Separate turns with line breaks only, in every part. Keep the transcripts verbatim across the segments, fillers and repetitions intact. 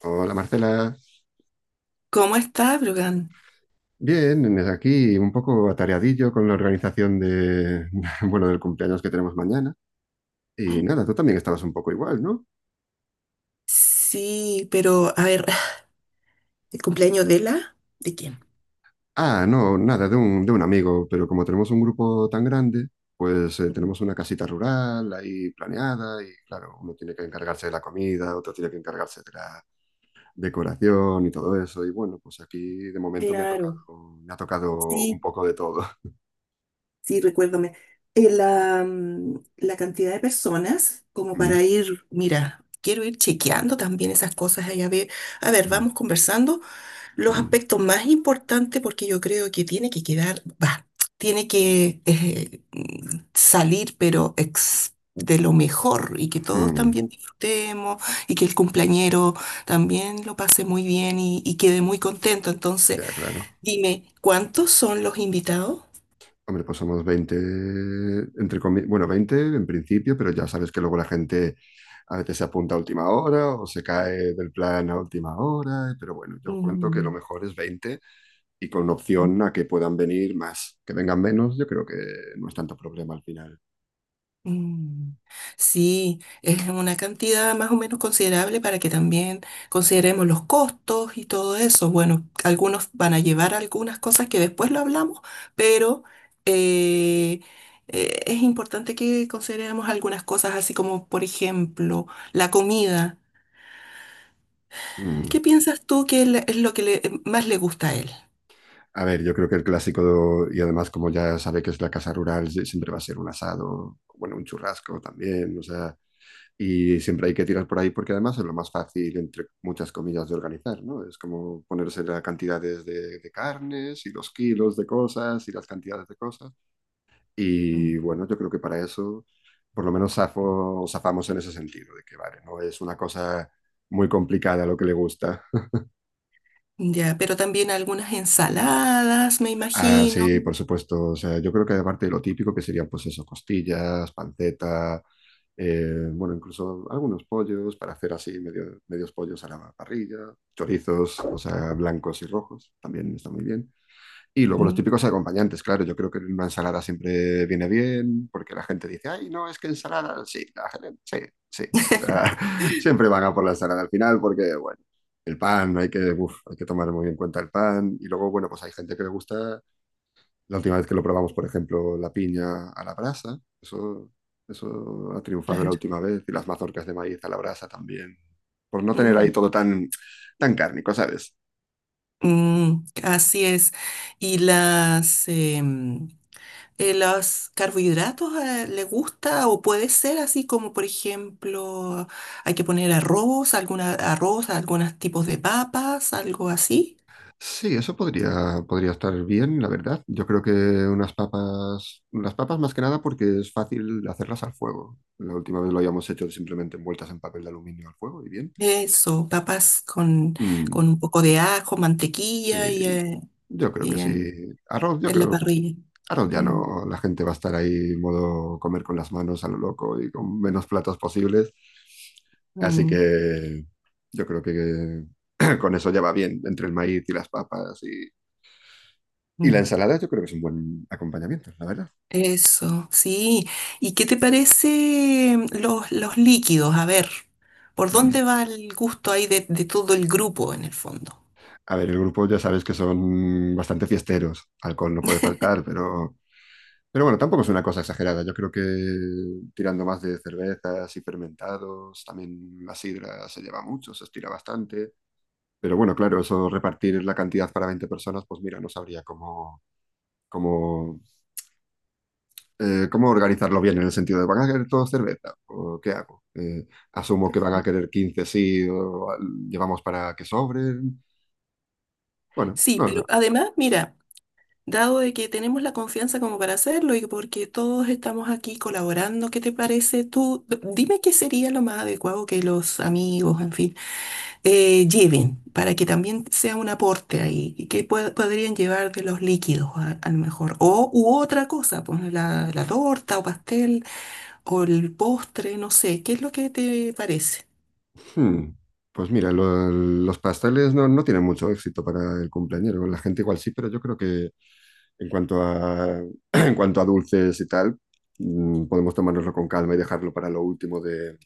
Hola, Marcela.
¿Cómo está, Brogan?
Bien, desde aquí un poco atareadillo con la organización de, bueno, del cumpleaños que tenemos mañana. Y nada, tú también estabas un poco igual, ¿no?
Sí, pero a ver, ¿el cumpleaños de la? ¿De quién?
Ah, no, nada, de un, de un amigo, pero como tenemos un grupo tan grande, pues eh, tenemos una casita rural ahí planeada y claro, uno tiene que encargarse de la comida, otro tiene que encargarse de la decoración y todo eso. Y bueno, pues aquí de momento me ha
Claro,
tocado, me ha tocado un
sí,
poco de todo.
sí, recuérdame. Eh, la, mm, la cantidad de personas, como
Mm,
para ir, mira, quiero ir chequeando también esas cosas allá. A ver. A ver,
mm,
vamos conversando. Los
mm,
aspectos más importantes, porque yo creo que tiene que quedar, va, tiene que eh, mm, salir, pero ex- de lo mejor y que todos
mm.
también disfrutemos y que el cumpleañero también lo pase muy bien y, y quede muy contento. Entonces,
Ya, claro.
dime, ¿cuántos son los invitados?
Hombre, pues somos veinte, entre comi- bueno, veinte en principio, pero ya sabes que luego la gente a veces se apunta a última hora o se cae del plan a última hora, pero bueno, yo cuento que lo
Mm.
mejor es veinte y con opción a que puedan venir más. Que vengan menos, yo creo que no es tanto problema al final.
Mm. Sí, es una cantidad más o menos considerable para que también consideremos los costos y todo eso. Bueno, algunos van a llevar algunas cosas que después lo hablamos, pero eh, eh, es importante que consideremos algunas cosas, así como, por ejemplo, la comida.
Mm.
¿Qué piensas tú que le- es lo que le- más le gusta a él?
A ver, yo creo que el clásico, y además como ya sabe que es la casa rural, sí, siempre va a ser un asado, bueno, un churrasco también, o sea, y siempre hay que tirar por ahí porque además es lo más fácil, entre muchas comillas, de organizar, ¿no? Es como ponerse las cantidades de, de carnes y los kilos de cosas y las cantidades de cosas.
Mm.
Y bueno, yo creo que para eso, por lo menos zafo, zafamos en ese sentido, de que vale, no es una cosa muy complicada lo que le gusta.
Ya, pero también algunas ensaladas, me
Ah,
imagino.
sí, por supuesto. O sea, yo creo que aparte de lo típico que serían, pues eso, costillas, panceta, eh, bueno, incluso algunos pollos para hacer así medio- medios pollos a la parrilla, chorizos, o sea, blancos y rojos, también está muy bien. Y luego los
Mm,
típicos acompañantes, claro, yo creo que una ensalada siempre viene bien, porque la gente dice, ay, no, es que ensalada, sí, la gente, sí, sí. O sea, siempre van a por la ensalada al final, porque, bueno. El pan, hay que, uf, hay que tomar muy en cuenta el pan. Y luego, bueno, pues hay gente que le gusta la última vez que lo probamos, por ejemplo, la piña a la brasa, eso, eso ha triunfado la
claro.
última vez, y las mazorcas de maíz a la brasa también, por no tener ahí todo tan, tan cárnico, ¿sabes?
Mm, así es. ¿Y las, em, eh, los carbohidratos, eh, le gusta o puede ser así como, por ejemplo, hay que poner arroz, alguna, arroz, algunos tipos de papas, algo así?
Sí, eso podría, podría estar bien, la verdad. Yo creo que unas papas, las papas más que nada porque es fácil hacerlas al fuego. La última vez lo habíamos hecho simplemente envueltas en papel de aluminio al fuego y bien.
Eso, papas con,
Mm,
con un poco de ajo,
sí,
mantequilla y, eh,
yo creo que
y
sí.
en,
Arroz, yo
en la
creo.
parrilla.
Claro, ya
Mm,
no, la gente va a estar ahí modo comer con las manos a lo loco y con menos platos posibles. Así
mm,
que yo creo que con eso ya va bien, entre el maíz y las papas y, y la
mm.
ensalada, yo creo que es un buen acompañamiento, la verdad.
Eso, sí. ¿Y qué te parece mm, los, los líquidos? A ver, ¿por
Mm.
dónde va el gusto ahí de, de todo el grupo en el fondo?
A ver, el grupo ya sabes que son bastante fiesteros, alcohol no puede faltar, pero, pero bueno, tampoco es una cosa exagerada. Yo creo que tirando más de cervezas y fermentados, también la sidra se lleva mucho, se estira bastante. Pero bueno, claro, eso repartir la cantidad para veinte personas, pues mira, no sabría cómo, cómo, eh, cómo organizarlo bien en el sentido de, ¿van a querer todos cerveza? ¿O qué hago? Eh, asumo que van a querer quince sí, o al- llevamos para que sobren. Bueno,
Sí,
no lo sé.
pero además, mira, dado de que tenemos la confianza como para hacerlo y porque todos estamos aquí colaborando, ¿qué te parece tú? D- Dime qué sería lo más adecuado que los amigos, en fin, eh, lleven para que también sea un aporte ahí. Y ¿qué pue- podrían llevar de los líquidos a, a lo mejor? O u otra cosa, pues la, la torta o pastel o el postre, no sé. ¿Qué es lo que te parece?
Hmm, pues mira, lo- los pasteles no, no tienen mucho éxito para el cumpleañero. La gente igual sí, pero yo creo que en cuanto a, en cuanto a dulces y tal, mm, podemos tomárnoslo con calma y dejarlo para lo último de,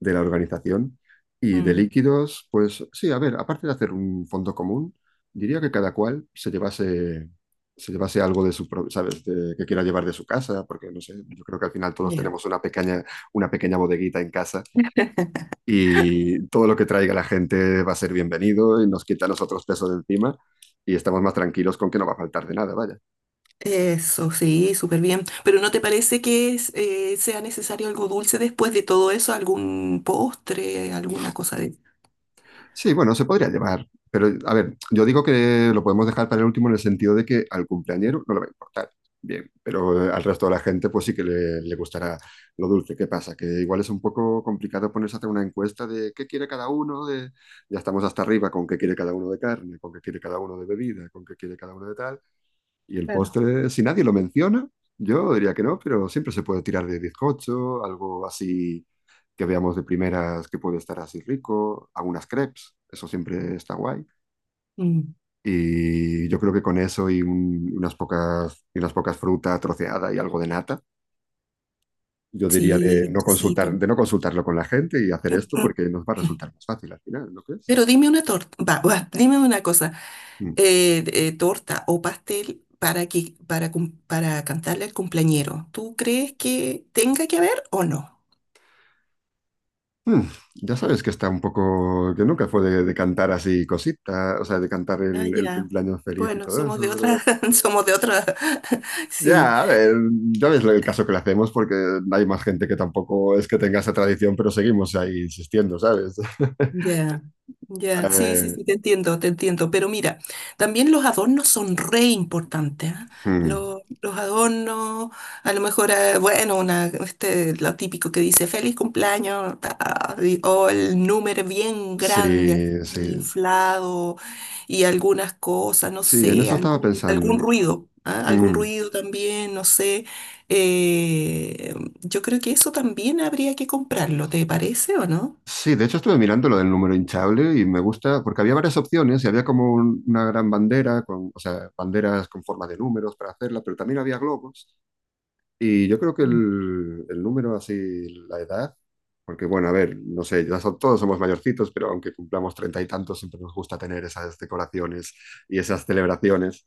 de la organización. Y de
Mm,
líquidos, pues sí, a ver, aparte de hacer un fondo común, diría que cada cual se llevase, se llevase algo de su, pro- ¿sabes? De- que quiera llevar de su casa, porque no sé, yo creo que al final todos
ya.
tenemos una pequeña, una pequeña bodeguita en casa y todo lo que traiga la gente va a ser bienvenido y nos quita a nosotros peso de encima y estamos más tranquilos con que no va a faltar de nada, vaya.
Eso, sí, súper bien. Pero ¿no te parece que es, eh, sea necesario algo dulce después de todo eso? ¿Algún postre, alguna cosa de...
Sí, bueno, se podría llevar, pero a ver, yo digo que lo podemos dejar para el último en el sentido de que al cumpleañero no le va a importar. Bien, pero eh, al resto de la gente pues sí que le, le gustará lo dulce. ¿Qué pasa? Que igual es un poco complicado ponerse a hacer una encuesta de qué quiere cada uno, de... ya estamos hasta arriba con qué quiere cada uno de carne, con qué quiere cada uno de bebida, con qué quiere cada uno de tal. Y el
Claro.
postre, si nadie lo menciona, yo diría que no, pero siempre se puede tirar de bizcocho, algo así que veamos de primeras que puede estar así rico, algunas crepes, eso siempre está guay.
Mm,
Y yo creo que con eso y un- unas pocas, y unas pocas frutas troceadas y algo de nata, yo diría
sí,
de no consultar,
exquisito.
de no consultarlo con la gente y hacer esto porque nos va a resultar más fácil al final, ¿no crees?
Pero dime una torta, va, va, dime una cosa,
Mm.
eh, eh, torta o pastel para que, para, cum- para cantarle al cumpleañero. ¿Tú crees que tenga que haber o no?
Hmm, ya sabes que está un poco, que nunca fue de, de cantar así cositas, o sea, de cantar
Ah,
el, el
ya.
cumpleaños feliz y
Bueno,
todo
somos
eso,
de otra,
pero
somos de otra, sí.
ya, a ver, ya ves el caso que le hacemos porque hay más gente que tampoco es que tenga esa tradición, pero seguimos ahí insistiendo, ¿sabes?
Ya, ya, sí, sí,
Eh,
sí, te entiendo, te entiendo. Pero mira, también los adornos son re importantes, ¿ah?
hmm,
Los, los adornos, a lo mejor, eh, bueno, una, este, lo típico que dice feliz cumpleaños, ta, y- o el número bien grande, así,
sí, sí,
inflado, y algunas cosas, no
sí, en
sé,
eso estaba
algún, algún
pensando.
ruido, ¿ah? Algún
Hmm,
ruido también, no sé. Eh, yo creo que eso también habría que comprarlo, ¿te parece o no?
sí, de hecho estuve mirando lo del número hinchable y me gusta, porque había varias opciones y había como un- una gran bandera, con, o sea, banderas con forma de números para hacerla, pero también había globos. Y yo creo que el, el número, así, la edad, porque bueno, a ver, no sé, ya son- todos somos mayorcitos, pero aunque cumplamos treinta y tantos, siempre nos gusta tener esas decoraciones y esas celebraciones.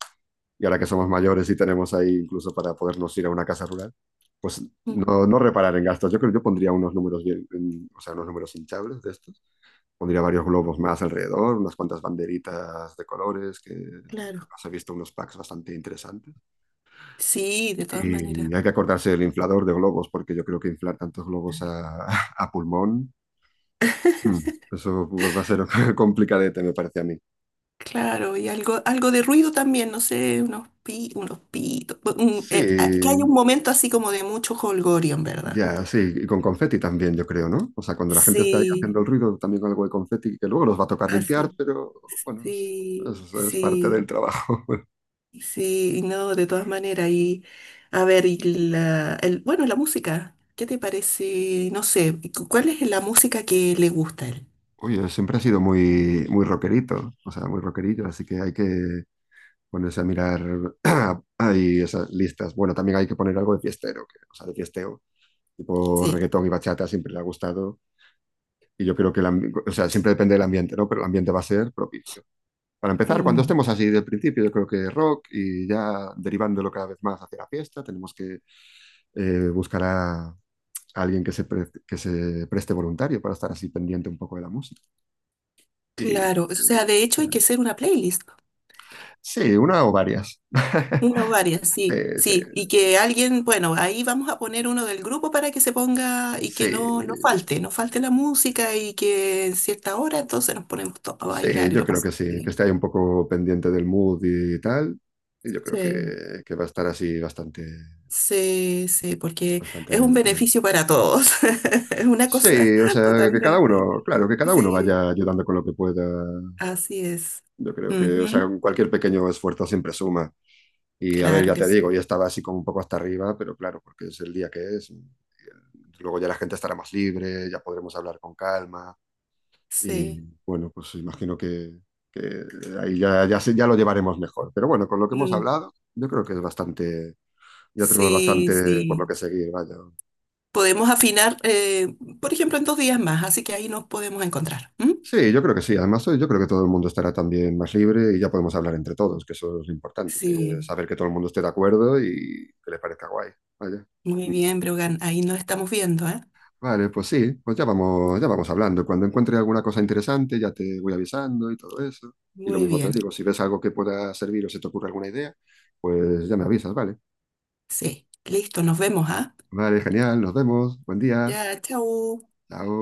Y ahora que somos mayores y tenemos ahí incluso para podernos ir a una casa rural, pues no, no reparar en gastos. Yo creo que yo pondría unos números bien, en- o sea, unos números hinchables de estos. Pondría varios globos más alrededor, unas cuantas banderitas de colores, que
Claro.
os he visto unos packs bastante interesantes.
Sí, de todas
Y
maneras.
hay que acordarse del inflador de globos, porque yo creo que inflar tantos globos a, a pulmón, mm, eso va a ser complicadete, me parece a mí.
Claro, y algo, algo de ruido también, no sé, unos pi, unos pitos. Bu- un- eh, ah, que haya
Sí,
un momento así como de mucho jolgorio, en verdad.
ya, sí, y con confeti también, yo creo, ¿no? O sea, cuando la gente está ahí haciendo
Sí,
el ruido, también con algo de confeti, que luego los va a tocar limpiar,
así.
pero bueno, es,
Sí,
es- es parte del
sí,
trabajo.
sí, no, de todas maneras. Y a ver, y la, el, bueno, la música, ¿qué te parece? No sé, cu- ¿cuál es la música que le gusta a él?
Oye, siempre ha sido muy, muy rockerito, o sea, muy rockerillo, así que hay que ponerse a mirar ahí esas listas. Bueno, también hay que poner algo de fiestero, que- o sea, de fiesteo tipo
Sí.
reggaetón y bachata siempre le ha gustado y yo creo que, el ambi- o sea, siempre depende del ambiente, ¿no? Pero el ambiente va a ser propicio. Para empezar, cuando
Mm,
estemos así del principio, yo creo que rock y ya derivándolo cada vez más hacia la fiesta, tenemos que eh, buscar a alguien que se, pre- que se preste voluntario para estar así pendiente un poco de la música. Y,
claro, o sea, de hecho
eh,
hay que hacer una playlist.
sí, una o varias.
Tengo varias, sí,
Eh, sí,
sí. Y que alguien, bueno, ahí vamos a poner uno del grupo para que se ponga y
sí,
que no, no falte, no falte la música y que en cierta hora entonces nos ponemos todos a
sí,
bailar y
yo
lo
creo que
pasamos
sí, que
bien.
esté ahí un poco pendiente del mood y tal. Y yo creo
Sí,
que, que va a estar así bastante,
sí, sí, porque
bastante
es
bien,
un
yo creo.
beneficio para todos. Es una cosa
Sí, o sea, que cada
totalmente.
uno, claro, que cada uno
Sí,
vaya ayudando con lo que pueda.
así es.
Yo creo que, o sea,
Ujú.
cualquier pequeño esfuerzo siempre suma. Y a ver,
Claro
ya
que
te
sí.
digo, yo estaba así como un poco hasta arriba, pero claro, porque es el día que es. Y eh, luego ya la gente estará más libre, ya podremos hablar con calma. Y
Sí.
bueno, pues imagino que, que ahí ya, ya, se- ya lo llevaremos mejor. Pero bueno, con lo que hemos
Mm.
hablado, yo creo que es bastante, ya tenemos
Sí,
bastante por lo
sí.
que seguir, vaya.
Podemos afinar, eh, por ejemplo, en dos días más, así que ahí nos podemos encontrar. ¿M?
Sí, yo creo que sí. Además, hoy yo creo que todo el mundo estará también más libre y ya podemos hablar entre todos, que eso es lo importante, que
Sí,
saber que todo el mundo esté de acuerdo y que le parezca guay. Vaya.
muy
Mm.
bien, Brogan, ahí nos estamos viendo, ¿eh?
Vale, pues sí, pues ya vamos, ya vamos hablando. Cuando encuentre alguna cosa interesante, ya te voy avisando y todo eso. Y lo
Muy
mismo te
bien,
digo, si ves algo que pueda servir o se te ocurre alguna idea, pues ya me avisas, ¿vale?
sí. Listo, nos vemos, ¿ah?
Vale, genial, nos vemos. Buen día.
Ya, chao.
Chao.